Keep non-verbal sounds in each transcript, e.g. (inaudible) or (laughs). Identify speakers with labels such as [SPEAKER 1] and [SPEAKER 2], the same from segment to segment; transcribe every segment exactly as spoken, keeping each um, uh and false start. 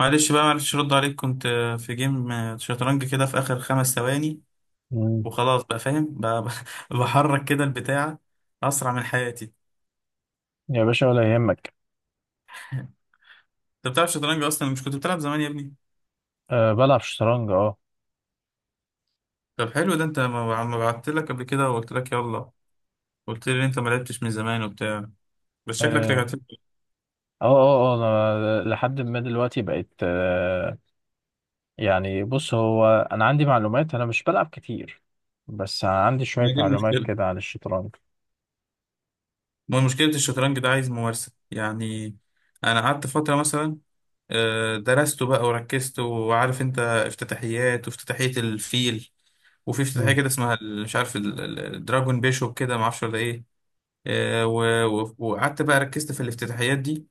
[SPEAKER 1] معلش، بقى معلش، رد عليك. كنت آه، في جيم، آه، شطرنج كده في آخر خمس ثواني،
[SPEAKER 2] مم.
[SPEAKER 1] وخلاص بقى فاهم بقى (laughs) بحرك كده البتاع أسرع من حياتي.
[SPEAKER 2] يا باشا ولا يهمك.
[SPEAKER 1] أنت بتلعب شطرنج أصلا؟ مش كنت بتلعب زمان يا ابني؟
[SPEAKER 2] أه، بلعب شطرنج. اه
[SPEAKER 1] طب حلو، ده أنت ما ما بعتلك قبل كده وقلت لك يلا، قلت لي إن أنت ما لعبتش من زمان وبتاع، بس شكلك
[SPEAKER 2] اه
[SPEAKER 1] رجعت لي.
[SPEAKER 2] اه اه آه، انا لحد ما دلوقتي بقيت، أه يعني بص هو، انا عندي معلومات، انا مش بلعب كتير، بس عندي شوية
[SPEAKER 1] يعني دي
[SPEAKER 2] معلومات
[SPEAKER 1] المشكلة،
[SPEAKER 2] كده عن الشطرنج.
[SPEAKER 1] ما مشكلة الشطرنج ده عايز ممارسة يعني. أنا قعدت فترة مثلا، آه، درسته بقى وركزت، وعارف أنت افتتاحيات، وافتتاحية الفيل، وفي افتتاحية
[SPEAKER 2] مم.
[SPEAKER 1] كده اسمها ال- مش عارف ال- ال- الدراجون بيشوب، كده معرفش ولا إيه. آه، و- و- وقعدت بقى ركزت في الافتتاحيات دي،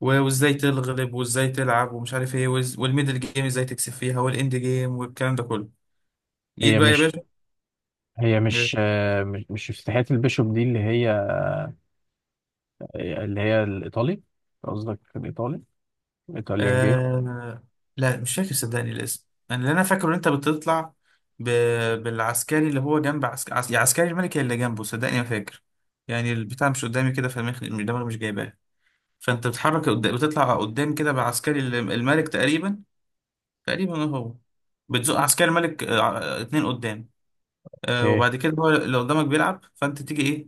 [SPEAKER 1] و- وإزاي تغلب وإزاي تلعب ومش عارف إيه، وإز- والميدل جيم إزاي تكسب فيها، والإند جيم والكلام ده كله. جيت
[SPEAKER 2] هي
[SPEAKER 1] بقى يا باشا.
[SPEAKER 2] مش هي مش أه مش مش افتتاحية البيشوب دي اللي هي، اللي هي الايطالي؟ قصدك الايطالي، الايطاليان جيم؟
[SPEAKER 1] آه... لا مش فاكر صدقني الاسم، انا اللي انا فاكره ان انت بتطلع ب... بالعسكري اللي هو جنب عسك... عس... يا عسكري الملكي اللي جنبه، صدقني ما فاكر. يعني البتاع مش قدامي كده فالمخ دماغي مش جايباه. فانت بتتحرك قد... بتطلع قدام كده بعسكري ال- الملك تقريبا. تقريبا هو بتزق عسكري الملك، آه... ع- اتنين قدام. آه...
[SPEAKER 2] ايه.
[SPEAKER 1] وبعد كده هو اللي قدامك بيلعب، فانت تيجي ايه،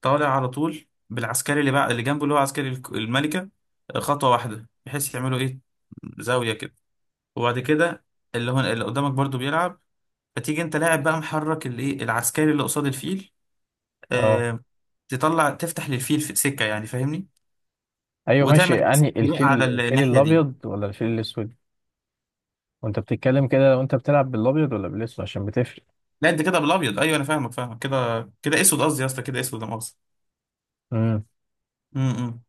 [SPEAKER 1] طالع على طول بالعسكري اللي بقى، اللي جنبه، اللي هو عسكري الك- الملكة، آه، خطوة واحدة، بحيث يعملوا ايه، زاوية كده. وبعد كده اللي هو اللي قدامك برضو بيلعب، فتيجي انت لاعب بقى، محرك الايه، العسكري اللي قصاد الفيل،
[SPEAKER 2] اه،
[SPEAKER 1] آه تطلع تفتح للفيل في سكه، يعني فاهمني.
[SPEAKER 2] ايوه ماشي،
[SPEAKER 1] وتعمل
[SPEAKER 2] يعني
[SPEAKER 1] جريء
[SPEAKER 2] الفيل
[SPEAKER 1] على ال-
[SPEAKER 2] الفيل
[SPEAKER 1] الناحيه دي.
[SPEAKER 2] الابيض ولا الفيل الاسود؟ وانت بتتكلم كده لو انت بتلعب بالابيض ولا بالاسود، عشان بتفرق.
[SPEAKER 1] لا انت كده بالابيض، ايوه انا فاهمك فاهمك كده كده اسود، قصدي يا اسطى كده اسود انا قصدي.
[SPEAKER 2] امم.
[SPEAKER 1] امم، إمم.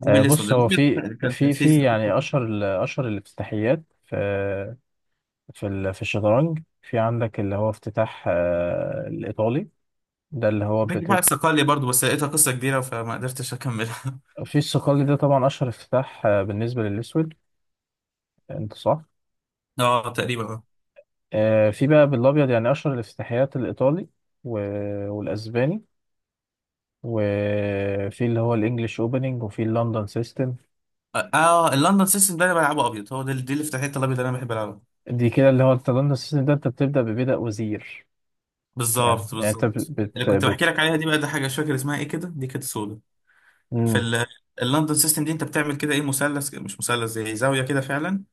[SPEAKER 1] دي
[SPEAKER 2] آه
[SPEAKER 1] بالاسود،
[SPEAKER 2] بص، هو
[SPEAKER 1] الابيض
[SPEAKER 2] في
[SPEAKER 1] كان
[SPEAKER 2] في
[SPEAKER 1] في في-
[SPEAKER 2] في يعني اشهر ال- اشهر الافتتاحيات في في ال- في الشطرنج، في عندك اللي هو افتتاح، آه، الايطالي. ده اللي هو
[SPEAKER 1] باجي بقى
[SPEAKER 2] بتبقى
[SPEAKER 1] الصقلية برضو، بس لقيتها قصه كبيره فما قدرتش اكملها.
[SPEAKER 2] في الصقلي، ده طبعا اشهر افتتاح، آه، بالنسبه للاسود. انت صح.
[SPEAKER 1] (laughs) اه تقريبا.
[SPEAKER 2] آه، في بقى بالابيض يعني اشهر الافتتاحيات الايطالي و... والاسباني، وفي اللي هو الانجليش اوبننج، وفي اللندن سيستم.
[SPEAKER 1] اه، اه، اللندن سيستم ده انا بلعبه ابيض، هو ده، دي اللي فتحت الابيض اللي انا بحب العبه.
[SPEAKER 2] دي كده اللي هو انت، اللندن سيستم ده انت بتبدا ببدأ وزير. يعني
[SPEAKER 1] بالظبط،
[SPEAKER 2] يعني انت بت
[SPEAKER 1] بالظبط، اللي
[SPEAKER 2] بت,
[SPEAKER 1] كنت
[SPEAKER 2] بت...
[SPEAKER 1] بحكي لك عليها دي بقى، ده حاجه مش فاكر اسمها ايه كده، دي كانت سودا. في
[SPEAKER 2] مم.
[SPEAKER 1] ال- اللندن سيستم دي انت بتعمل كده ايه، مثلث، مش مثلث، زي زاويه كده فعلا.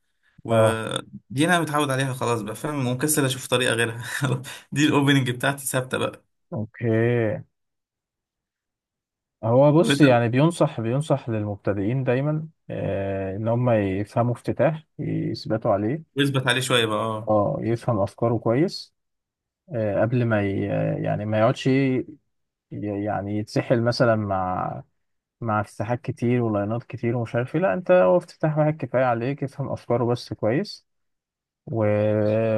[SPEAKER 2] اه،
[SPEAKER 1] ودي انا متعود عليها خلاص بقى، فاهم ومكسل اشوف طريقه غيرها. (laughs) دي الاوبننج بتاعتي ثابته بقى.
[SPEAKER 2] اوكي. هو
[SPEAKER 1] طب
[SPEAKER 2] بص
[SPEAKER 1] انت
[SPEAKER 2] يعني، بينصح بينصح للمبتدئين دايما، آه، ان هم يفهموا افتتاح يثبتوا عليه.
[SPEAKER 1] اثبت عليه شويه بقى، اه.
[SPEAKER 2] اه، يفهم افكاره كويس. آه قبل ما ي... يعني ما يقعدش ي- يعني يتسحل مثلا مع، مع افتتاحات كتير ولاينات كتير ومش عارف ايه. لا، انت هو افتتاح واحد كفايه عليك، افهم افكاره بس كويس، و...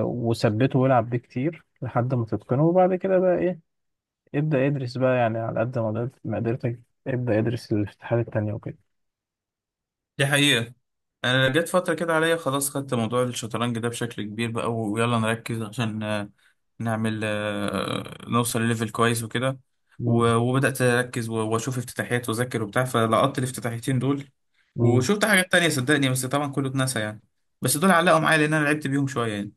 [SPEAKER 2] وثبته والعب بيه كتير لحد ما تتقنه، وبعد كده بقى ايه، ابدأ ادرس بقى يعني على قد ما قدرت- ما قدرتك، ابدأ ادرس الافتتاحات التانية وكده.
[SPEAKER 1] دي حقيقه، انا جت فتره كده عليا خلاص، خدت موضوع الشطرنج ده بشكل كبير بقى، ويلا نركز عشان نعمل، آه، نوصل لليفل كويس وكده.
[SPEAKER 2] مم.
[SPEAKER 1] و- وبدأت أركز، و- وأشوف افتتاحيات وأذاكر وبتاع، فلقطت الافتتاحيتين دول.
[SPEAKER 2] مم.
[SPEAKER 1] وشفت حاجات تانية صدقني، بس طبعا كله اتنسى يعني، بس دول علقوا معايا لأن أنا لعبت بيهم شوية يعني.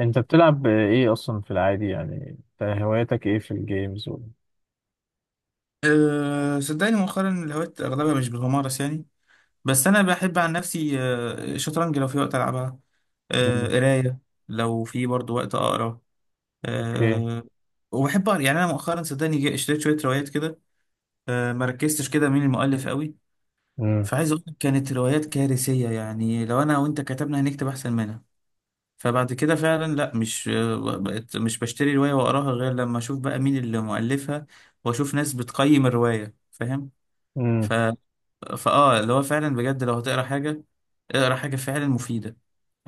[SPEAKER 2] انت بتلعب ايه اصلا في العادي يعني، انت هواياتك ايه في الجيمز و...
[SPEAKER 1] أه صدقني مؤخرا الهوايات أغلبها مش بتمارس يعني، بس أنا بحب عن نفسي، أه شطرنج لو في وقت ألعبها، أه
[SPEAKER 2] مم.
[SPEAKER 1] قراية لو في برضه وقت أقرأ،
[SPEAKER 2] اوكي.
[SPEAKER 1] أه وبحب أقرأ يعني. أنا مؤخرا صدقني، جا- اشتريت شوية روايات كده، أه مركزتش كده مين المؤلف قوي.
[SPEAKER 2] امم.
[SPEAKER 1] فعايز اقول لك كانت روايات كارثية، يعني لو انا وانت كتبنا هنكتب احسن منها. فبعد كده فعلا لا، مش، بقت مش بشتري رواية واقراها غير لما اشوف بقى مين اللي مؤلفها، واشوف ناس بتقيم الرواية، فاهم. ف...
[SPEAKER 2] امم.
[SPEAKER 1] فاه اللي هو فعلا بجد، لو هتقرا حاجة اقرا حاجة فعلا مفيدة،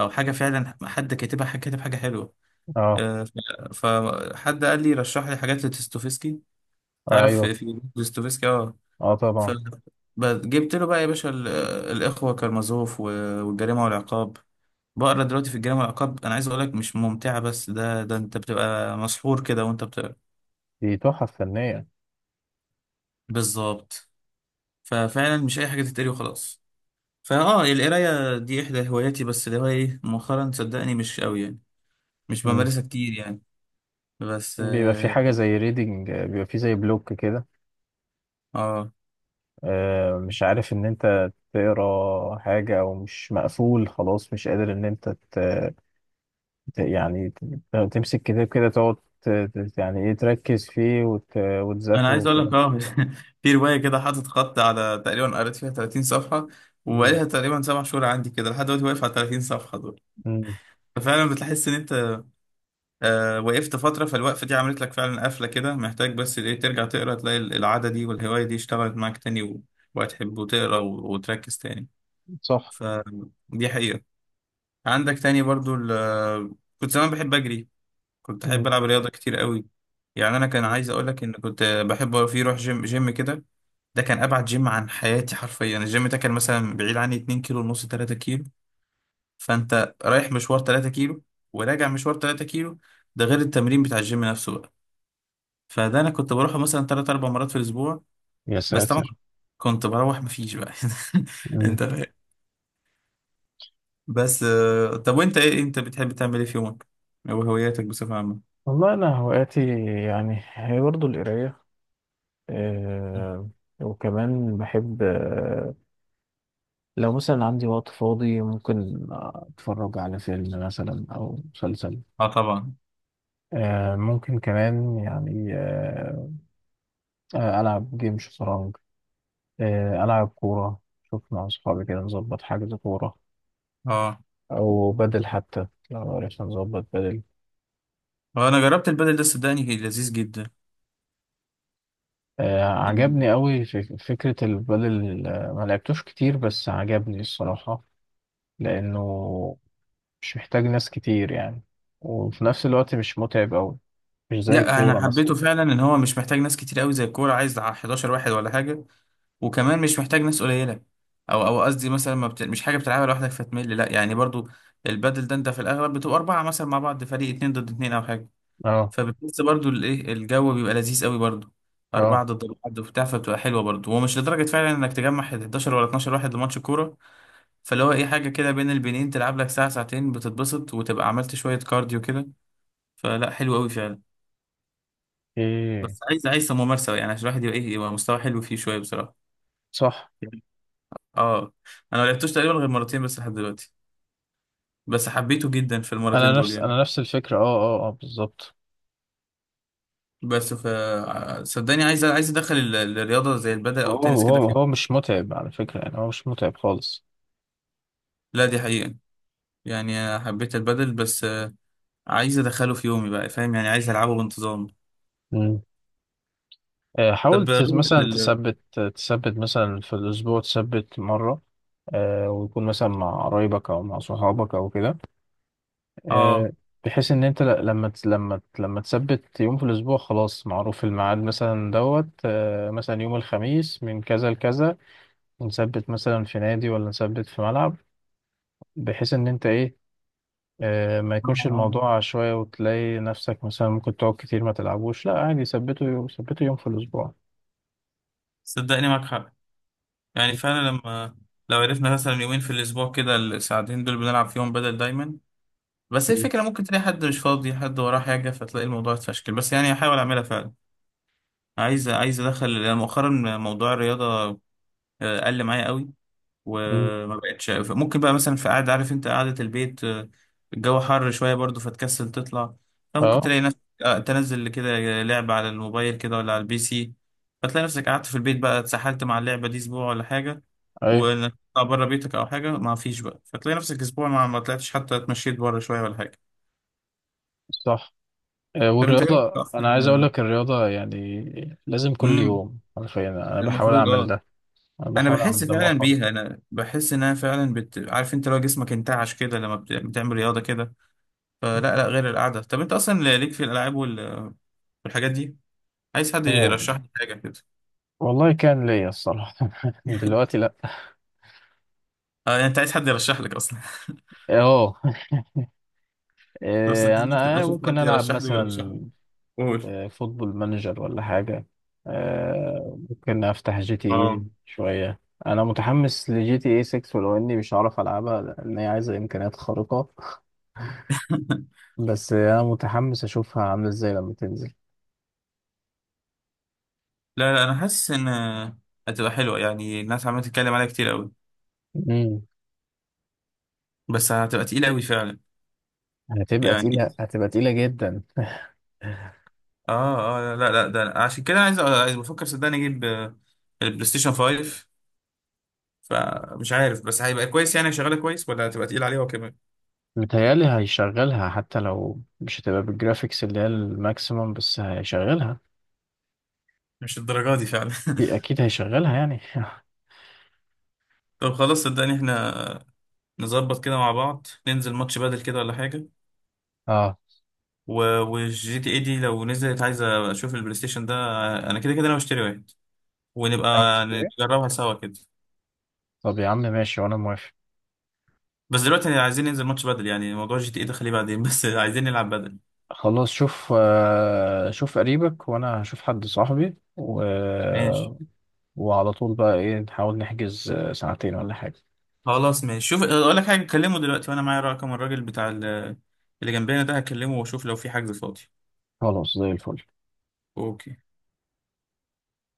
[SPEAKER 1] او حاجة فعلا حد كاتبها، حد كاتب حاجة حلوة.
[SPEAKER 2] اه.
[SPEAKER 1] آه، ف- فحد قال لي رشح لي حاجات لدوستويفسكي. تعرف
[SPEAKER 2] ايوه.
[SPEAKER 1] في في دوستويفسكي؟ اه.
[SPEAKER 2] اه طبعا.
[SPEAKER 1] فجبت له بقى يا باشا ال- الإخوة كارمازوف و- والجريمة والعقاب. بقرا دلوقتي في الجريمة والعقاب، أنا عايز أقول لك مش ممتعة بس ده ده أنت بتبقى مسحور كده وأنت بتقرا.
[SPEAKER 2] دي تحف فنية.
[SPEAKER 1] بالظبط. ففعلا مش أي حاجة تتقري وخلاص. فأه القراية دي إحدى هواياتي، بس اللي هو إيه مؤخرا صدقني مش قوي يعني، مش
[SPEAKER 2] امم.
[SPEAKER 1] بمارسها كتير يعني بس
[SPEAKER 2] بيبقى في
[SPEAKER 1] آه
[SPEAKER 2] حاجة زي ريدنج، بيبقى في زي بلوك كده،
[SPEAKER 1] آه.
[SPEAKER 2] آه، مش عارف ان انت تقرا حاجة، او مش مقفول خلاص مش قادر ان انت ت- يعني ت- تمسك كتاب كده، تقعد ت- ت- يعني ايه تركز فيه وت...
[SPEAKER 1] أنا
[SPEAKER 2] وتذاكره
[SPEAKER 1] عايز أقول لك،
[SPEAKER 2] وكده.
[SPEAKER 1] أه (laughs) في رواية كده حاطط خط على، تقريبا قريت فيها تلاتين صفحة،
[SPEAKER 2] مم.
[SPEAKER 1] وبقالها تقريبا سبع شهور عندي كده لحد دلوقتي واقف على تلاتين صفحة.
[SPEAKER 2] مم.
[SPEAKER 1] فعلا بتحس ان انت آه وقفت فتره، فالوقفه دي عملت لك فعلا قفله كده، محتاج بس ايه ترجع تقرا، تلاقي ال- العاده دي والهوايه دي اشتغلت معاك تاني، و- وهتحب وتقرا، و- وتركز تاني.
[SPEAKER 2] صح.
[SPEAKER 1] فدي حقيقه. عندك تاني برضو، ال- كنت زمان بحب اجري، كنت
[SPEAKER 2] مم.
[SPEAKER 1] احب العب رياضه كتير قوي. يعني انا كان عايز اقول لك ان كنت بحب، في روح جيم جيم كده، ده كان ابعد جيم عن حياتي حرفيا، الجيم ده كان مثلا بعيد عني اتنين كيلو ونص، ثلاثة. فانت رايح مشوار تلاتة كيلو، وراجع مشوار ثلاثة كيلو، ده غير التمرين بتاع الجيم نفسه بقى. فده انا كنت بروحه مثلا تلات أربع مرات في الاسبوع،
[SPEAKER 2] يا
[SPEAKER 1] بس طبعا
[SPEAKER 2] ساتر.
[SPEAKER 1] كنت بروح مفيش بقى. (laughs)
[SPEAKER 2] مم.
[SPEAKER 1] انت فاهم. بس آه، طب وانت ايه، انت بتحب تعمل ايه في يومك، او هواياتك بصفة عامة؟
[SPEAKER 2] والله أنا هواياتي يعني هي برضه القراية، آه، وكمان بحب، آه، لو مثلا عندي وقت فاضي ممكن أتفرج على فيلم مثلا أو مسلسل.
[SPEAKER 1] اه طبعا.
[SPEAKER 2] آه، ممكن كمان يعني، آه، ألعب جيم شطرنج، آه، ألعب كورة، شوف مع أصحابي كده نظبط حجز كورة.
[SPEAKER 1] اه،
[SPEAKER 2] أو بدل، حتى لو عرفنا نظبط بدل.
[SPEAKER 1] آه، انا جربت البدل ده صدقني كان لذيذ جدا.
[SPEAKER 2] آه،
[SPEAKER 1] يعني
[SPEAKER 2] عجبني أوي في فكرة البدل، آه، ما لعبتوش كتير بس عجبني الصراحة، لأنه مش محتاج ناس كتير يعني، وفي نفس الوقت مش متعب أوي، مش زي
[SPEAKER 1] لا،
[SPEAKER 2] الكورة
[SPEAKER 1] انا
[SPEAKER 2] مثلا.
[SPEAKER 1] حبيته فعلا ان هو مش محتاج ناس كتير قوي زي الكوره عايز حداشر واحد ولا حاجه، وكمان مش محتاج ناس قليله، او او قصدي مثلا، ما بت... مش حاجه بتلعبها لوحدك فتمل، لا يعني برضو البادل ده انت في الاغلب بتبقى اربعه مثلا مع بعض، فريق اتنين ضد اتنين او حاجه.
[SPEAKER 2] اه.
[SPEAKER 1] فبتحس برضو الايه، الجو بيبقى لذيذ قوي برضو، أربعة
[SPEAKER 2] اه.
[SPEAKER 1] ضد بعض وبتاع، فبتبقى حلوة برضه. هو مش لدرجة فعلا إنك تجمع احد عشر ولا اتناشر واحد لماتش كورة، فاللي هو إيه حاجة كده بين البنين، تلعب لك ساعة ساعتين بتتبسط وتبقى عملت شوية كارديو كده. فلا حلو قوي فعلا.
[SPEAKER 2] ايه.
[SPEAKER 1] بس عايز عايز ممارسة، يعني عشان الواحد يبقى إيه، يبقى مستوى حلو فيه شوية بصراحة.
[SPEAKER 2] صح.
[SPEAKER 1] اه. انا ما لعبتوش تقريبا غير مرتين بس لحد دلوقتي، بس حبيته جدا في المرتين
[SPEAKER 2] أنا
[SPEAKER 1] دول
[SPEAKER 2] نفس
[SPEAKER 1] يعني.
[SPEAKER 2] أنا نفس الفكرة، اه اه اه، بالظبط.
[SPEAKER 1] بس ف صدقني عايز عايز ادخل ال- الرياضه زي البدل او
[SPEAKER 2] هو
[SPEAKER 1] التنس كده
[SPEAKER 2] هو هو
[SPEAKER 1] فيه.
[SPEAKER 2] مش متعب على فكرة، يعني هو مش متعب خالص.
[SPEAKER 1] لا دي حقيقه، يعني حبيت البدل، بس آه، عايز ادخله في يومي بقى فاهم يعني، عايز العبه بانتظام.
[SPEAKER 2] آه، حاول
[SPEAKER 1] طب غير
[SPEAKER 2] تس- مثلا
[SPEAKER 1] ال-
[SPEAKER 2] تثبت، تثبت مثلا في الأسبوع تثبت مرة، آه، ويكون مثلا مع قرايبك أو مع صحابك أو كده.
[SPEAKER 1] (laughs) اه
[SPEAKER 2] آه، بحيث إن أنت ل- لما تس- لما ت- لما تثبت يوم في الأسبوع، خلاص معروف الميعاد مثلا، دوت، آه، مثلا يوم الخميس من كذا لكذا، نثبت مثلا في نادي ولا نثبت في ملعب. بحيث إن أنت إيه، آه، ما يكونش
[SPEAKER 1] آه.
[SPEAKER 2] الموضوع عشوائي وتلاقي نفسك مثلا ممكن تقعد كتير ما تلعبوش. لا عادي، ثبته يوم، ثبته يوم في الأسبوع.
[SPEAKER 1] صدقني معاك حق، يعني فعلا لما، لو عرفنا مثلا يومين في الاسبوع كده الساعتين دول بنلعب فيهم بدل دايما. بس هي
[SPEAKER 2] مم.
[SPEAKER 1] الفكره، ممكن تلاقي حد مش فاضي، حد وراه حاجه، فتلاقي الموضوع اتفشكل، بس يعني هحاول اعملها فعلا. عايز عايز ادخل، لأن مؤخرا موضوع الرياضه آه، قل معايا قوي،
[SPEAKER 2] مم.
[SPEAKER 1] وما بقتش ممكن بقى، مثلا في قعده عارف انت قعده البيت، آه، الجو حر شويه برضو فتكسل تطلع، فممكن
[SPEAKER 2] اه.
[SPEAKER 1] تلاقي نفسك آه، تنزل كده لعبه على الموبايل كده ولا على البي سي، فتلاقي نفسك قعدت في البيت بقى اتسحلت مع اللعبه دي اسبوع ولا حاجه،
[SPEAKER 2] ايوه.
[SPEAKER 1] وانك تطلع بره بيتك او حاجه ما فيش بقى، فتلاقي نفسك اسبوع ما ما طلعتش حتى اتمشيت بره شويه ولا حاجه.
[SPEAKER 2] صح. آه،
[SPEAKER 1] طب انت ايه رأيك
[SPEAKER 2] والرياضة
[SPEAKER 1] اصلا،
[SPEAKER 2] أنا عايز أقول
[SPEAKER 1] آه،
[SPEAKER 2] لك الرياضة يعني لازم كل
[SPEAKER 1] امم
[SPEAKER 2] يوم حرفيا، أنا بحاول
[SPEAKER 1] المفروض
[SPEAKER 2] أعمل
[SPEAKER 1] اه.
[SPEAKER 2] ده، أنا
[SPEAKER 1] انا
[SPEAKER 2] بحاول
[SPEAKER 1] بحس
[SPEAKER 2] أعمل ده
[SPEAKER 1] فعلا
[SPEAKER 2] مؤخرا.
[SPEAKER 1] بيها، انا بحس انها فعلا بت... عارف انت لو جسمك انتعش كده لما بت... بتعمل رياضه كده، فلا، لا غير القعده. طب انت اصلا ليك في الالعاب وال... والحاجات دي، عايز حد
[SPEAKER 2] آه،
[SPEAKER 1] يرشح لك حاجه كده؟
[SPEAKER 2] والله كان ليا الصراحة (laughs) دلوقتي لأ.
[SPEAKER 1] اه يعني انت عايز حد يرشح لك اصلا؟ (laughs)
[SPEAKER 2] أه،
[SPEAKER 1] طب
[SPEAKER 2] آه،
[SPEAKER 1] صدقني مش
[SPEAKER 2] أنا،
[SPEAKER 1] هبقى
[SPEAKER 2] آه،
[SPEAKER 1] اشوف
[SPEAKER 2] ممكن
[SPEAKER 1] حد
[SPEAKER 2] ألعب
[SPEAKER 1] يرشح لي ويرشح
[SPEAKER 2] مثلا،
[SPEAKER 1] لي، قول.
[SPEAKER 2] آه، فوتبول مانجر ولا حاجة. آه، ممكن أفتح جي تي إيه
[SPEAKER 1] اه
[SPEAKER 2] شوية. أنا متحمس لجي تي إيه سيكس، ولو إني مش هعرف ألعبها لأن هي عايزة إمكانيات خارقة،
[SPEAKER 1] (laughs)
[SPEAKER 2] بس أنا متحمس أشوفها عاملة إزاي لما
[SPEAKER 1] لا، لا، انا حاسس ان هتبقى حلوه، يعني الناس عماله تتكلم عليها كتير قوي،
[SPEAKER 2] تنزل.
[SPEAKER 1] بس هتبقى تقيله قوي فعلا
[SPEAKER 2] هتبقى
[SPEAKER 1] يعني.
[SPEAKER 2] تقيلة، هتبقى تقيلة جدا.
[SPEAKER 1] اه، اه، لا، لا، لا، ده عشان كده عايز عايز بفكر صدقني اجيب، آه، البلاي ستيشن خمسة. فمش عارف بس هيبقى كويس، يعني شغاله كويس ولا هتبقى تقيل عليه هو كمان؟
[SPEAKER 2] متهيألي هيشغلها، حتى لو مش هتبقى بالجرافيكس اللي هي الماكسيموم بس هيشغلها.
[SPEAKER 1] مش الدرجه دي فعلا. (laughs)
[SPEAKER 2] أكيد هيشغلها يعني (laughs)
[SPEAKER 1] طب خلاص صدقني احنا نظبط كده مع بعض، ننزل ماتش بدل كده ولا حاجه،
[SPEAKER 2] اه.
[SPEAKER 1] و... والجي تي اي دي لو نزلت عايزه اشوف البلاي ستيشن ده، انا كده كده انا بشتري واحد ونبقى
[SPEAKER 2] ناوي تشتري؟
[SPEAKER 1] نجربها سوا كده.
[SPEAKER 2] طب يا عم ماشي، وأنا موافق.
[SPEAKER 1] بس دلوقتي عايزين ننزل ماتش بدل يعني، موضوع جي تي اي ده خليه بعدين. (laughs) بس عايزين نلعب بدل.
[SPEAKER 2] خلاص شوف، آه، شوف قريبك وأنا هشوف حد صاحبي و...
[SPEAKER 1] ماشي
[SPEAKER 2] وعلى طول بقى إيه نحاول نحجز، آه، ساعتين ولا حاجة.
[SPEAKER 1] خلاص ماشي، شوف اقول لك حاجه، كلمه دلوقتي وانا معايا رقم الراجل بتاع ال- اللي جنبنا ده، هكلمه واشوف لو في حجز فاضي.
[SPEAKER 2] خلاص زي الفل.
[SPEAKER 1] اوكي.